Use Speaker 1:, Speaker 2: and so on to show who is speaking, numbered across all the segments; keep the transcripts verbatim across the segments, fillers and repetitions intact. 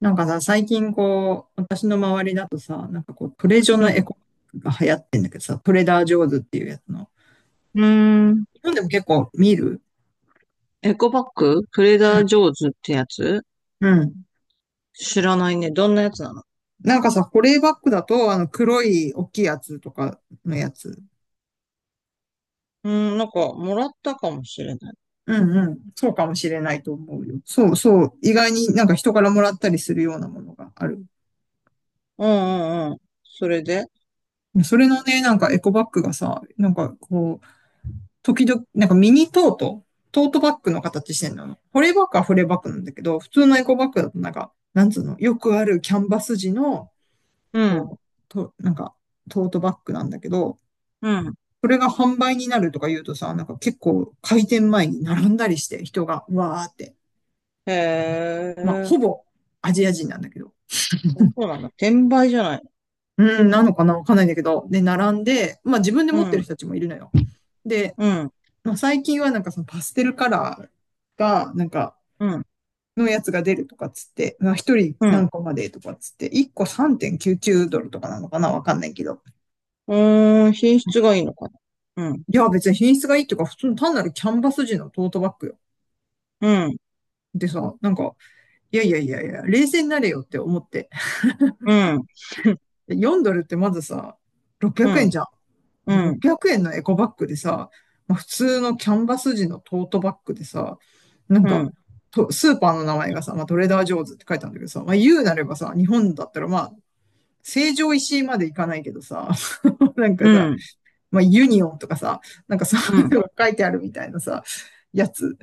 Speaker 1: なんかさ、最近こう、私の周りだとさ、なんかこう、トレジョ
Speaker 2: う
Speaker 1: のエ
Speaker 2: ん。
Speaker 1: コバッグが流行ってんだけどさ、トレーダージョーズっていうやつの。
Speaker 2: うーん。
Speaker 1: 日本でも結構見る。
Speaker 2: エコバッグ、トレーダージョーズってやつ
Speaker 1: うん。うん。
Speaker 2: 知らないね。どんなやつなの？
Speaker 1: なんかさ、保冷バッグだと、あの、黒い大きいやつとかのやつ。
Speaker 2: うーん、なんか、もらったかもしれない。
Speaker 1: うんうん。そうかもしれないと思うよ。そうそう。意外になんか人からもらったりするようなものがある。
Speaker 2: うんうんうん。それで、
Speaker 1: それのね、なんかエコバッグがさ、なんかこう、時々、なんかミニトート、トートバッグの形してんの。保冷バッグは保冷バッグなんだけど、普通のエコバッグだとなんか、なんつうの、よくあるキャンバス地の、
Speaker 2: う
Speaker 1: こ
Speaker 2: ん、
Speaker 1: う、と、なんか、トートバッグなんだけど、
Speaker 2: うん。
Speaker 1: それが販売になるとか言うとさ、なんか結構開店前に並んだりして人がわーって。
Speaker 2: へ
Speaker 1: まあ、
Speaker 2: え、
Speaker 1: ほぼアジア人なんだけど。
Speaker 2: そうなんだ。転売じゃない？
Speaker 1: うん、なのかなわかんないんだけど。で、並んで、まあ自分で
Speaker 2: う
Speaker 1: 持ってる
Speaker 2: ん、
Speaker 1: 人たちもいるのよ。で、
Speaker 2: うん、
Speaker 1: まあ、最近はなんかそのパステルカラーが、なんか
Speaker 2: うん、
Speaker 1: のやつが出るとかっつって、まあ、一人
Speaker 2: うん。
Speaker 1: 何個までとかっつって、一個さんてんきゅうきゅうドルとかなのかなわかんないけど。
Speaker 2: うーん、品質がいいのかな。うん、
Speaker 1: いや、別に品質がいいとか、普通の単なるキャンバス地のトートバッグよ。
Speaker 2: うん、
Speaker 1: でさ、なんか、いやいやいやいや、冷静になれよって思って。
Speaker 2: うん、
Speaker 1: よんドルってまずさ、600
Speaker 2: う
Speaker 1: 円
Speaker 2: ん、
Speaker 1: じゃん。で、
Speaker 2: うん、
Speaker 1: ろっぴゃくえんのエコバッグでさ、まあ、普通のキャンバス地のトートバッグでさ、なん
Speaker 2: う
Speaker 1: か、
Speaker 2: ん、
Speaker 1: とスーパーの名前がさ、まあ、トレーダー・ジョーズって書いてあるんだけどさ、まあ、言うなればさ、日本だったらまあ、成城石井まで行かないけどさ、なん
Speaker 2: う
Speaker 1: かさ、
Speaker 2: ん、
Speaker 1: まあ、ユニオンとかさ、なんかそ
Speaker 2: う
Speaker 1: ういう
Speaker 2: ん、
Speaker 1: のが書いてあるみたいなさ、やつ、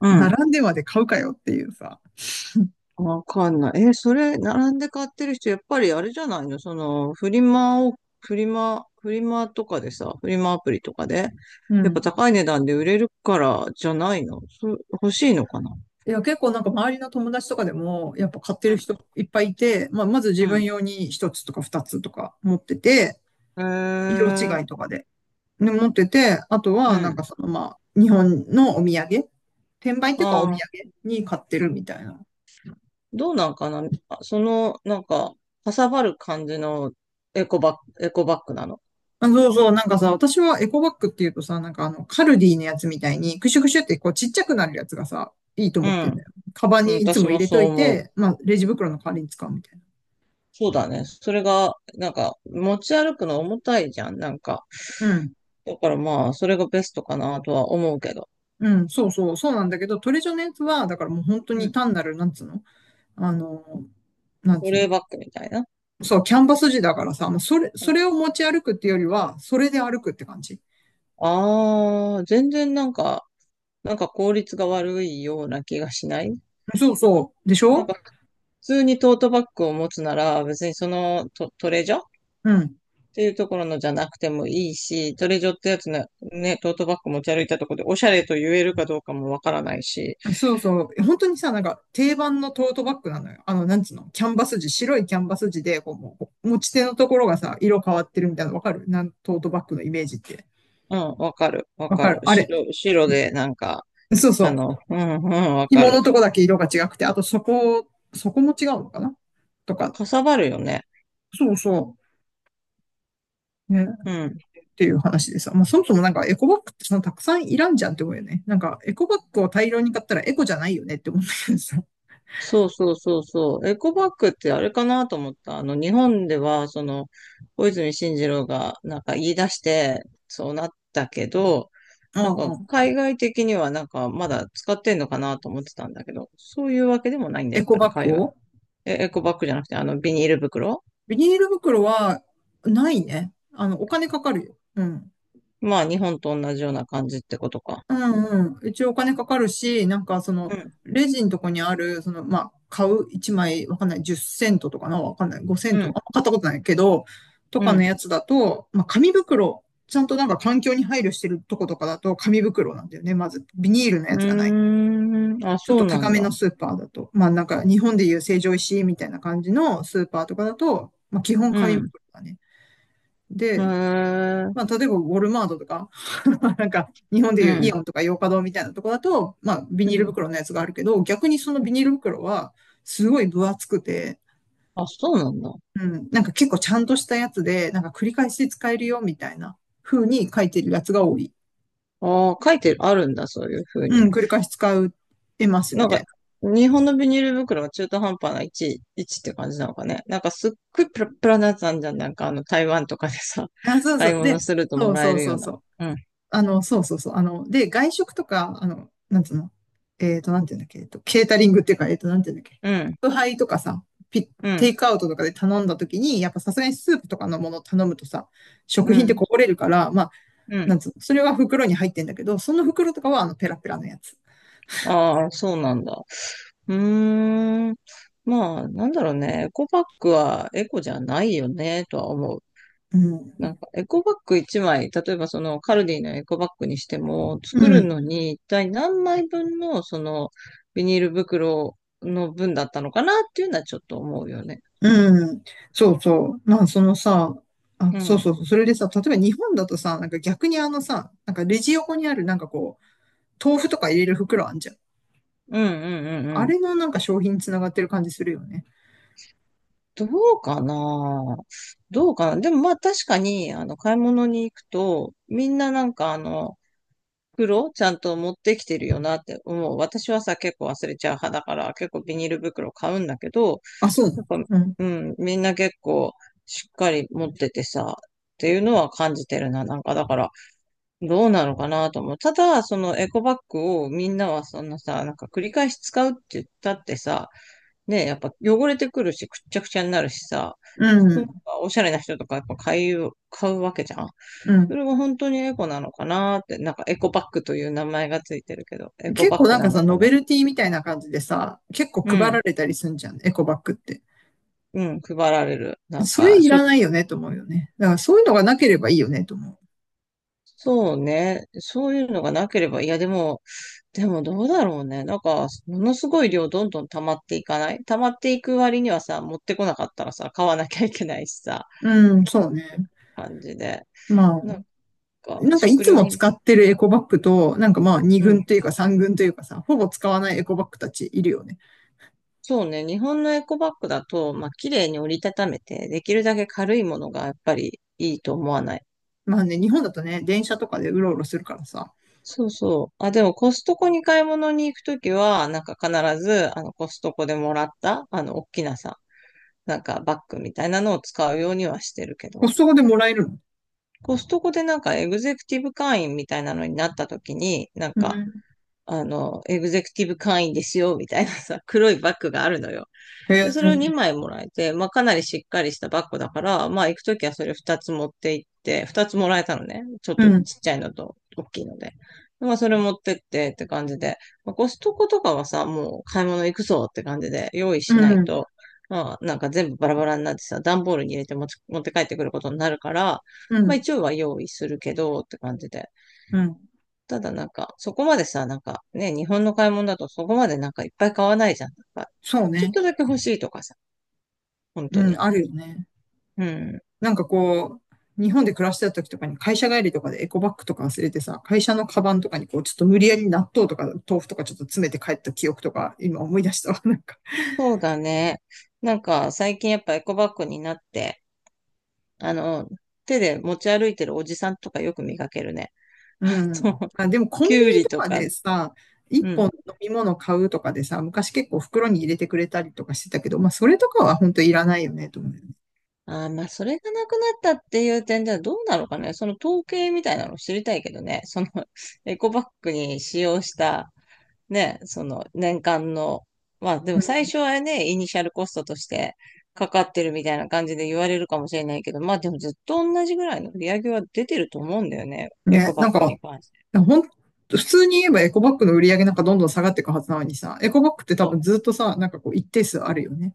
Speaker 2: うん。
Speaker 1: 並んでまで買うかよっていうさ。
Speaker 2: わかんない。え、それ、並んで買ってる人、やっぱりあれじゃないの、その、フリマを、フリマ、フリマとかでさ、フリマアプリとかで、
Speaker 1: う
Speaker 2: やっぱ
Speaker 1: ん。
Speaker 2: 高い値段で売れるからじゃないの？そ、欲しいのかな。
Speaker 1: いや、結構なんか周りの友達とかでも、やっぱ買って
Speaker 2: う
Speaker 1: る
Speaker 2: ん、
Speaker 1: 人いっぱいいて、まあ、まず自
Speaker 2: う
Speaker 1: 分
Speaker 2: ん。
Speaker 1: 用に一つとか二つとか持ってて、
Speaker 2: へ
Speaker 1: 色
Speaker 2: え、
Speaker 1: 違いとかで。ね持ってて、あと
Speaker 2: う
Speaker 1: はなん
Speaker 2: ん。
Speaker 1: かそのまあ、日本のお土産、転売っていうかお
Speaker 2: あ
Speaker 1: 土
Speaker 2: あ、
Speaker 1: 産に買ってるみたいな。
Speaker 2: どうなんかな。あ、その、なんか、かさばる感じの、エコバッグ、エコバッグなの？
Speaker 1: あ、そうそう、なんかさ、私はエコバッグっていうとさ、なんかあの、カルディのやつみたいに、クシュクシュってこうちっちゃくなるやつがさ、いいと
Speaker 2: う
Speaker 1: 思ってんだ
Speaker 2: ん。
Speaker 1: よ。カバン
Speaker 2: うん、
Speaker 1: にいつ
Speaker 2: 私
Speaker 1: も入
Speaker 2: も
Speaker 1: れ
Speaker 2: そ
Speaker 1: とい
Speaker 2: う思う。
Speaker 1: て、まあ、レジ袋の代わりに使うみたい
Speaker 2: そうだね。それが、なんか、持ち歩くの重たいじゃん。なんか、
Speaker 1: な。うん。
Speaker 2: だからまあ、それがベストかなとは思うけど。
Speaker 1: うん、そうそう、そうなんだけど、トレジョのやつは、だからもう本当
Speaker 2: う
Speaker 1: に
Speaker 2: ん。
Speaker 1: 単なる、なんつうの、あの、なん
Speaker 2: ト
Speaker 1: つう
Speaker 2: レ
Speaker 1: の、
Speaker 2: ーバックみたいな。
Speaker 1: そう、キャンバス地だからさ、もうそれ、それを持ち歩くっていうよりは、それで歩くって感じ。
Speaker 2: ああー、全然なんか、なんか効率が悪いような気がしない？
Speaker 1: そうそう、でし
Speaker 2: なん
Speaker 1: ょ。
Speaker 2: か普通にトートバッグを持つなら別にそのト、トレジョっ
Speaker 1: うん。
Speaker 2: ていうところのじゃなくてもいいし、トレジョってやつね。ね、トートバッグ持ち歩いたところでおしゃれと言えるかどうかもわからないし。
Speaker 1: そうそう。本当にさ、なんか定番のトートバッグなのよ。あの、なんつうの、キャンバス地、白いキャンバス地で、こう、もう持ち手のところがさ、色変わってるみたいなのわかるなん、トートバッグのイメージって。
Speaker 2: うん、わかる、わ
Speaker 1: わ
Speaker 2: か
Speaker 1: か
Speaker 2: る。
Speaker 1: るあれ。
Speaker 2: 白、白でなんか、
Speaker 1: そう
Speaker 2: あ
Speaker 1: そう。
Speaker 2: の、うん、うん、わか
Speaker 1: 紐
Speaker 2: る。
Speaker 1: のとこだけ色が違くて、あとそこ、そこも違うのかなとか。
Speaker 2: かさばるよね。
Speaker 1: そうそう。ね。
Speaker 2: うん。
Speaker 1: っていう話でさ。まあ、そもそもなんかエコバッグってそのたくさんいらんじゃんって思うよね。なんか、エコバッグを大量に買ったらエコじゃないよねって思うんだけどさ。
Speaker 2: そうそうそうそう。エコバッグってあれかなと思った。あの、日本では、その、小泉進次郎がなんか言い出して、そうなったけど、
Speaker 1: う
Speaker 2: なん
Speaker 1: ん
Speaker 2: か
Speaker 1: うん。
Speaker 2: 海外的にはなんかまだ使ってんのかなと思ってたんだけど、そういうわけでもないんだ、
Speaker 1: エ
Speaker 2: やっ
Speaker 1: コ
Speaker 2: ぱり
Speaker 1: バッ
Speaker 2: 海
Speaker 1: グ
Speaker 2: 外。
Speaker 1: を、
Speaker 2: え、エコバッグじゃなくて、あの、ビニール袋。
Speaker 1: ビニール袋はないね。あの、お金かかるよ。うん。
Speaker 2: まあ、日本と同じような感じってことか。
Speaker 1: うんうん。一応お金かかるし、なんかその、
Speaker 2: うん、
Speaker 1: レジのとこにある、その、まあ、買ういちまい、わかんない、じゅっセントとかな、わかんない、ごセン
Speaker 2: う
Speaker 1: ト、
Speaker 2: ん、
Speaker 1: あ、買ったことないけど、と
Speaker 2: う
Speaker 1: かの
Speaker 2: ん。
Speaker 1: やつだと、まあ、紙袋、ちゃんとなんか環境に配慮してるとことかだと紙袋なんだよね、まず。ビニールの
Speaker 2: う
Speaker 1: やつがない。
Speaker 2: ーん、あ、
Speaker 1: ちょっ
Speaker 2: そ
Speaker 1: と
Speaker 2: うな
Speaker 1: 高
Speaker 2: ん
Speaker 1: め
Speaker 2: だ。
Speaker 1: のスーパーだと、まあなんか日本でいう成城石井みたいな感じのスーパーとかだと、まあ基本
Speaker 2: う
Speaker 1: 紙
Speaker 2: ん、
Speaker 1: 袋だね。
Speaker 2: へ
Speaker 1: で、
Speaker 2: ー、
Speaker 1: まあ、例えば、ウォルマートとか、なんか、日本で
Speaker 2: う
Speaker 1: いうイ
Speaker 2: ん、
Speaker 1: オンとかヨーカドーみたいなとこだと、まあ、ビ
Speaker 2: う
Speaker 1: ニール
Speaker 2: ん。
Speaker 1: 袋のやつがあるけど、逆にそのビニール袋は、すごい分厚くて、
Speaker 2: あ、そうなんだ。
Speaker 1: うん、なんか結構ちゃんとしたやつで、なんか繰り返し使えるよ、みたいな風に書いてるやつが多い。
Speaker 2: ああ、書いてあるんだ、そういう風
Speaker 1: う
Speaker 2: に。
Speaker 1: ん、繰り返し使えます、み
Speaker 2: なん
Speaker 1: た
Speaker 2: か、
Speaker 1: い
Speaker 2: 日本のビニール袋が中途半端な位置、位置って感じなのかね。なんかすっごいプラプラなやつあんじゃん。なんかあの台湾とかでさ、
Speaker 1: な。あ、そうそ
Speaker 2: 買い
Speaker 1: う。
Speaker 2: 物
Speaker 1: で、
Speaker 2: すると
Speaker 1: そ
Speaker 2: も
Speaker 1: う
Speaker 2: ら
Speaker 1: そ
Speaker 2: え
Speaker 1: う
Speaker 2: る
Speaker 1: そ
Speaker 2: よう
Speaker 1: う
Speaker 2: な。
Speaker 1: そう。
Speaker 2: うん、
Speaker 1: あの、そうそうそう。あの、で、外食とか、あの、なんつうの、えっと、なんていうんだっけ、えっと、ケータリングっていうか、えっと、なんていうんだっけ、
Speaker 2: うん、
Speaker 1: 宅配とかさ、ピ、
Speaker 2: う
Speaker 1: テ
Speaker 2: ん、
Speaker 1: イクアウトとかで頼んだ時に、やっぱさすがにスープとかのものを頼むとさ、食
Speaker 2: う
Speaker 1: 品って
Speaker 2: ん、
Speaker 1: こぼれるから、まあ、
Speaker 2: う
Speaker 1: な
Speaker 2: ん。
Speaker 1: んつうの、それは袋に入ってんだけど、その袋とかはあの、ペラペラのやつ。
Speaker 2: ああ、そうなんだ。うーん。まあ、なんだろうね。エコバッグはエコじゃないよね、とは思う。
Speaker 1: う
Speaker 2: な
Speaker 1: ん。
Speaker 2: んかエコバッグいちまい、例えばそのカルディのエコバッグにしても、
Speaker 1: う
Speaker 2: 作る
Speaker 1: ん。
Speaker 2: のに一体何枚分のそのビニール袋の分だったのかなっていうのはちょっと思うよね。
Speaker 1: うん。そうそう。まあ、そのさ、あ、
Speaker 2: うん。
Speaker 1: そ
Speaker 2: う
Speaker 1: う
Speaker 2: ん
Speaker 1: そうそう。それでさ、例えば日本だとさ、なんか逆にあのさ、なんかレジ横にあるなんかこう、豆腐とか入れる袋あんじゃん。
Speaker 2: うんうん
Speaker 1: あ
Speaker 2: うん。
Speaker 1: れのなんか商品につながってる感じするよね。
Speaker 2: どうかなどうかなでもまあ確かに、あの、買い物に行くと、みんななんかあの、袋ちゃんと持ってきてるよなって思う。私はさ、結構忘れちゃう派だから、結構ビニール袋買うんだけど、
Speaker 1: あ、そう。
Speaker 2: なんか、
Speaker 1: うん。
Speaker 2: うん、みんな結構しっかり持っててさ、っていうのは感じてるな。なんか、だから、どうなのかなと思う。ただ、そのエコバッグをみんなはそんなさ、なんか繰り返し使うって言ったってさ、ね、やっぱ汚れてくるし、くっちゃくちゃになるしさ、
Speaker 1: う
Speaker 2: なんか
Speaker 1: ん。
Speaker 2: おしゃれな人とかやっぱ買う、買うわけじゃん。
Speaker 1: う
Speaker 2: そ
Speaker 1: ん。
Speaker 2: れが本当にエコなのかなって、なんかエコバッグという名前がついてるけど、エコ
Speaker 1: 結
Speaker 2: バ
Speaker 1: 構
Speaker 2: ッ
Speaker 1: な
Speaker 2: グ
Speaker 1: ん
Speaker 2: な
Speaker 1: か
Speaker 2: の
Speaker 1: さ、
Speaker 2: か
Speaker 1: ノベ
Speaker 2: な。
Speaker 1: ルティみたいな感じでさ、結構
Speaker 2: う
Speaker 1: 配ら
Speaker 2: ん、
Speaker 1: れたりすんじゃん、エコバッグって。
Speaker 2: うん、配られる。なん
Speaker 1: それ
Speaker 2: か、
Speaker 1: いらないよねと思うよね。だからそういうのがなければいいよねと思
Speaker 2: そうね。そういうのがなければ、いや、でも、でもどうだろうね。なんか、ものすごい量どんどん溜まっていかない溜まっていく割にはさ、持ってこなかったらさ、買わなきゃいけないしさ、
Speaker 1: う。うん、そうね。
Speaker 2: 感じで。
Speaker 1: まあ、
Speaker 2: なんか、
Speaker 1: なんかい
Speaker 2: 食
Speaker 1: つ
Speaker 2: 料
Speaker 1: も
Speaker 2: 品。
Speaker 1: 使ってるエコバッグと、なんかまあに
Speaker 2: うん。
Speaker 1: 軍というかさん軍というかさ、ほぼ使わないエコバッグたちいるよね。
Speaker 2: そうね。日本のエコバッグだと、まあ、綺麗に折りたためて、できるだけ軽いものがやっぱりいいと思わない？
Speaker 1: まあね、日本だとね、電車とかでうろうろするからさ、
Speaker 2: そうそう。あ、でもコストコに買い物に行くときは、なんか必ず、あの、コストコでもらった、あの、大きなさ、なんかバッグみたいなのを使うようにはしてるけ
Speaker 1: コ
Speaker 2: ど、
Speaker 1: ストコでもらえるの。
Speaker 2: コストコでなんかエグゼクティブ会員みたいなのになった時に、なん
Speaker 1: う
Speaker 2: か、
Speaker 1: ん。
Speaker 2: あの、エグゼクティブ会員ですよ、みたいなさ、黒いバッグがあるのよ。
Speaker 1: へ
Speaker 2: で、それを
Speaker 1: え。
Speaker 2: にまいもらえて、まあかなりしっかりしたバッグだから、まあ行くときはそれふたつ持って行って、ふたつもらえたのね。ちょっ
Speaker 1: う
Speaker 2: とち
Speaker 1: ん。
Speaker 2: っちゃいのと大きいので。まあそれ持ってってって感じで、まあ、コストコとかはさ、もう買い物行くぞって感じで用意
Speaker 1: う
Speaker 2: しない
Speaker 1: ん。
Speaker 2: と、まあなんか全部バラバラになってさ、段ボールに入れて持ち、持って帰ってくることになるから、
Speaker 1: う
Speaker 2: まあ
Speaker 1: ん。
Speaker 2: 一応は用意するけどって感じで。
Speaker 1: うん。
Speaker 2: ただなんか、そこまでさ、なんかね、日本の買い物だとそこまでなんかいっぱい買わないじゃん。なんか
Speaker 1: そう
Speaker 2: ちょっ
Speaker 1: ね。
Speaker 2: とだけ欲しいとかさ、本当
Speaker 1: う
Speaker 2: に。
Speaker 1: ん、あるよね。
Speaker 2: うん。
Speaker 1: なんかこう、日本で暮らしてた時とかに会社帰りとかでエコバッグとか忘れてさ、会社のカバンとかにこう、ちょっと無理やり納豆とか豆腐とかちょっと詰めて帰った記憶とか、今思い出したわ、なんか。
Speaker 2: そうだね。なんか最近やっぱエコバッグになって、あの、手で持ち歩いてるおじさんとかよく見かけるね。
Speaker 1: う
Speaker 2: そ
Speaker 1: ん。
Speaker 2: う。
Speaker 1: あ、でもコ
Speaker 2: キ
Speaker 1: ンビ
Speaker 2: ュウ
Speaker 1: ニ
Speaker 2: リ
Speaker 1: と
Speaker 2: と
Speaker 1: か
Speaker 2: か。
Speaker 1: でさ、一
Speaker 2: う
Speaker 1: 本
Speaker 2: ん。
Speaker 1: 飲み物買うとかでさ、昔結構袋に入れてくれたりとかしてたけど、まあそれとかは本当いらないよね、と思うよね。
Speaker 2: ああ、まあ、それがなくなったっていう点ではどうなのかね。その統計みたいなの知りたいけどね。その エコバッグに使用したね、その年間の、まあで
Speaker 1: う
Speaker 2: も最初
Speaker 1: ん。
Speaker 2: はね、イニシャルコストとしてかかってるみたいな感じで言われるかもしれないけど、まあでもずっと同じぐらいの売り上げは出てると思うんだよね。エコ
Speaker 1: ね、
Speaker 2: バ
Speaker 1: な
Speaker 2: ッ
Speaker 1: ん
Speaker 2: グ
Speaker 1: か、
Speaker 2: に関して。
Speaker 1: ほん、普通に言えばエコバッグの売り上げなんかどんどん下がっていくはずなのにさ、エコバッグって多
Speaker 2: そ
Speaker 1: 分
Speaker 2: う
Speaker 1: ずっとさ、なんかこう一定数あるよね。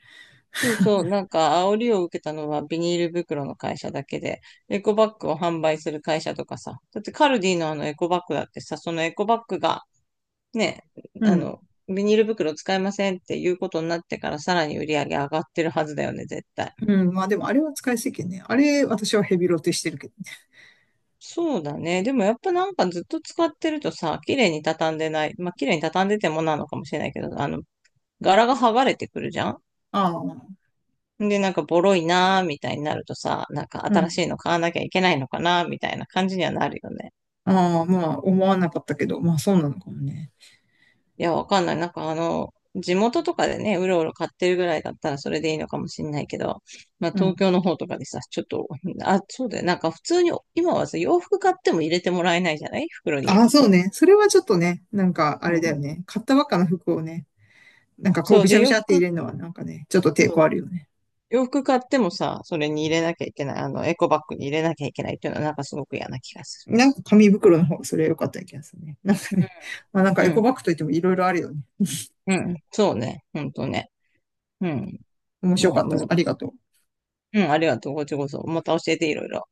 Speaker 2: そうそう、なんか煽りを受けたのはビニール袋の会社だけで、エコバッグを販売する会社とかさ、だってカルディのあのエコバッグだってさ、そのエコバッグがね、
Speaker 1: う
Speaker 2: あ
Speaker 1: ん。
Speaker 2: の、ビニール袋使いませんっていうことになってからさらに売り上げ上がってるはずだよね、絶対。
Speaker 1: うん。まあでもあれは使い捨てね。あれ私はヘビロテしてるけどね。
Speaker 2: そうだね。でもやっぱなんかずっと使ってるとさ、綺麗に畳んでない。まあ綺麗に畳んでてもなのかもしれないけど、あの、柄が剥がれてくるじゃん。
Speaker 1: ああ、
Speaker 2: で、なんかボロいなーみたいになるとさ、なんか
Speaker 1: う
Speaker 2: 新し
Speaker 1: ん。
Speaker 2: いの買わなきゃいけないのかなーみたいな感じにはなるよね。
Speaker 1: ああ、まあ思わなかったけど、まあそうなのかもね。
Speaker 2: いや、わかんない。なんかあの、地元とかでね、うろうろ買ってるぐらいだったらそれでいいのかもしれないけど、まあ
Speaker 1: う
Speaker 2: 東
Speaker 1: ん。
Speaker 2: 京の方とかでさ、ちょっと、あ、そうだよ。なんか普通に、今はさ、洋服買っても入れてもらえないじゃない、袋
Speaker 1: あ
Speaker 2: に。
Speaker 1: あ、そうね。それはちょっとね、なんかあ
Speaker 2: う
Speaker 1: れだよ
Speaker 2: ん。
Speaker 1: ね。買ったばっかの服をね、なんかこう
Speaker 2: そう
Speaker 1: ぐち
Speaker 2: で、
Speaker 1: ゃぐ
Speaker 2: 洋
Speaker 1: ちゃって入
Speaker 2: 服、
Speaker 1: れるのはなんかね、ちょっと
Speaker 2: そ
Speaker 1: 抵
Speaker 2: う
Speaker 1: 抗あるよね。
Speaker 2: 洋服買ってもさ、それに入れなきゃいけない。あの、エコバッグに入れなきゃいけないっていうのはなんかすごく嫌な気がす
Speaker 1: なんか紙袋の方がそれは良かった気がするね。なんか
Speaker 2: る。
Speaker 1: ね、まあなんか
Speaker 2: う
Speaker 1: エコ
Speaker 2: ん、
Speaker 1: バッグといってもいろいろあるよね。
Speaker 2: うん、うん。そうね。ほんとね。うん。
Speaker 1: 面白
Speaker 2: まあ、
Speaker 1: かった
Speaker 2: むず、
Speaker 1: わ。ありがとう。
Speaker 2: うん、ありがとう。こっちこそ。また教えていろいろ。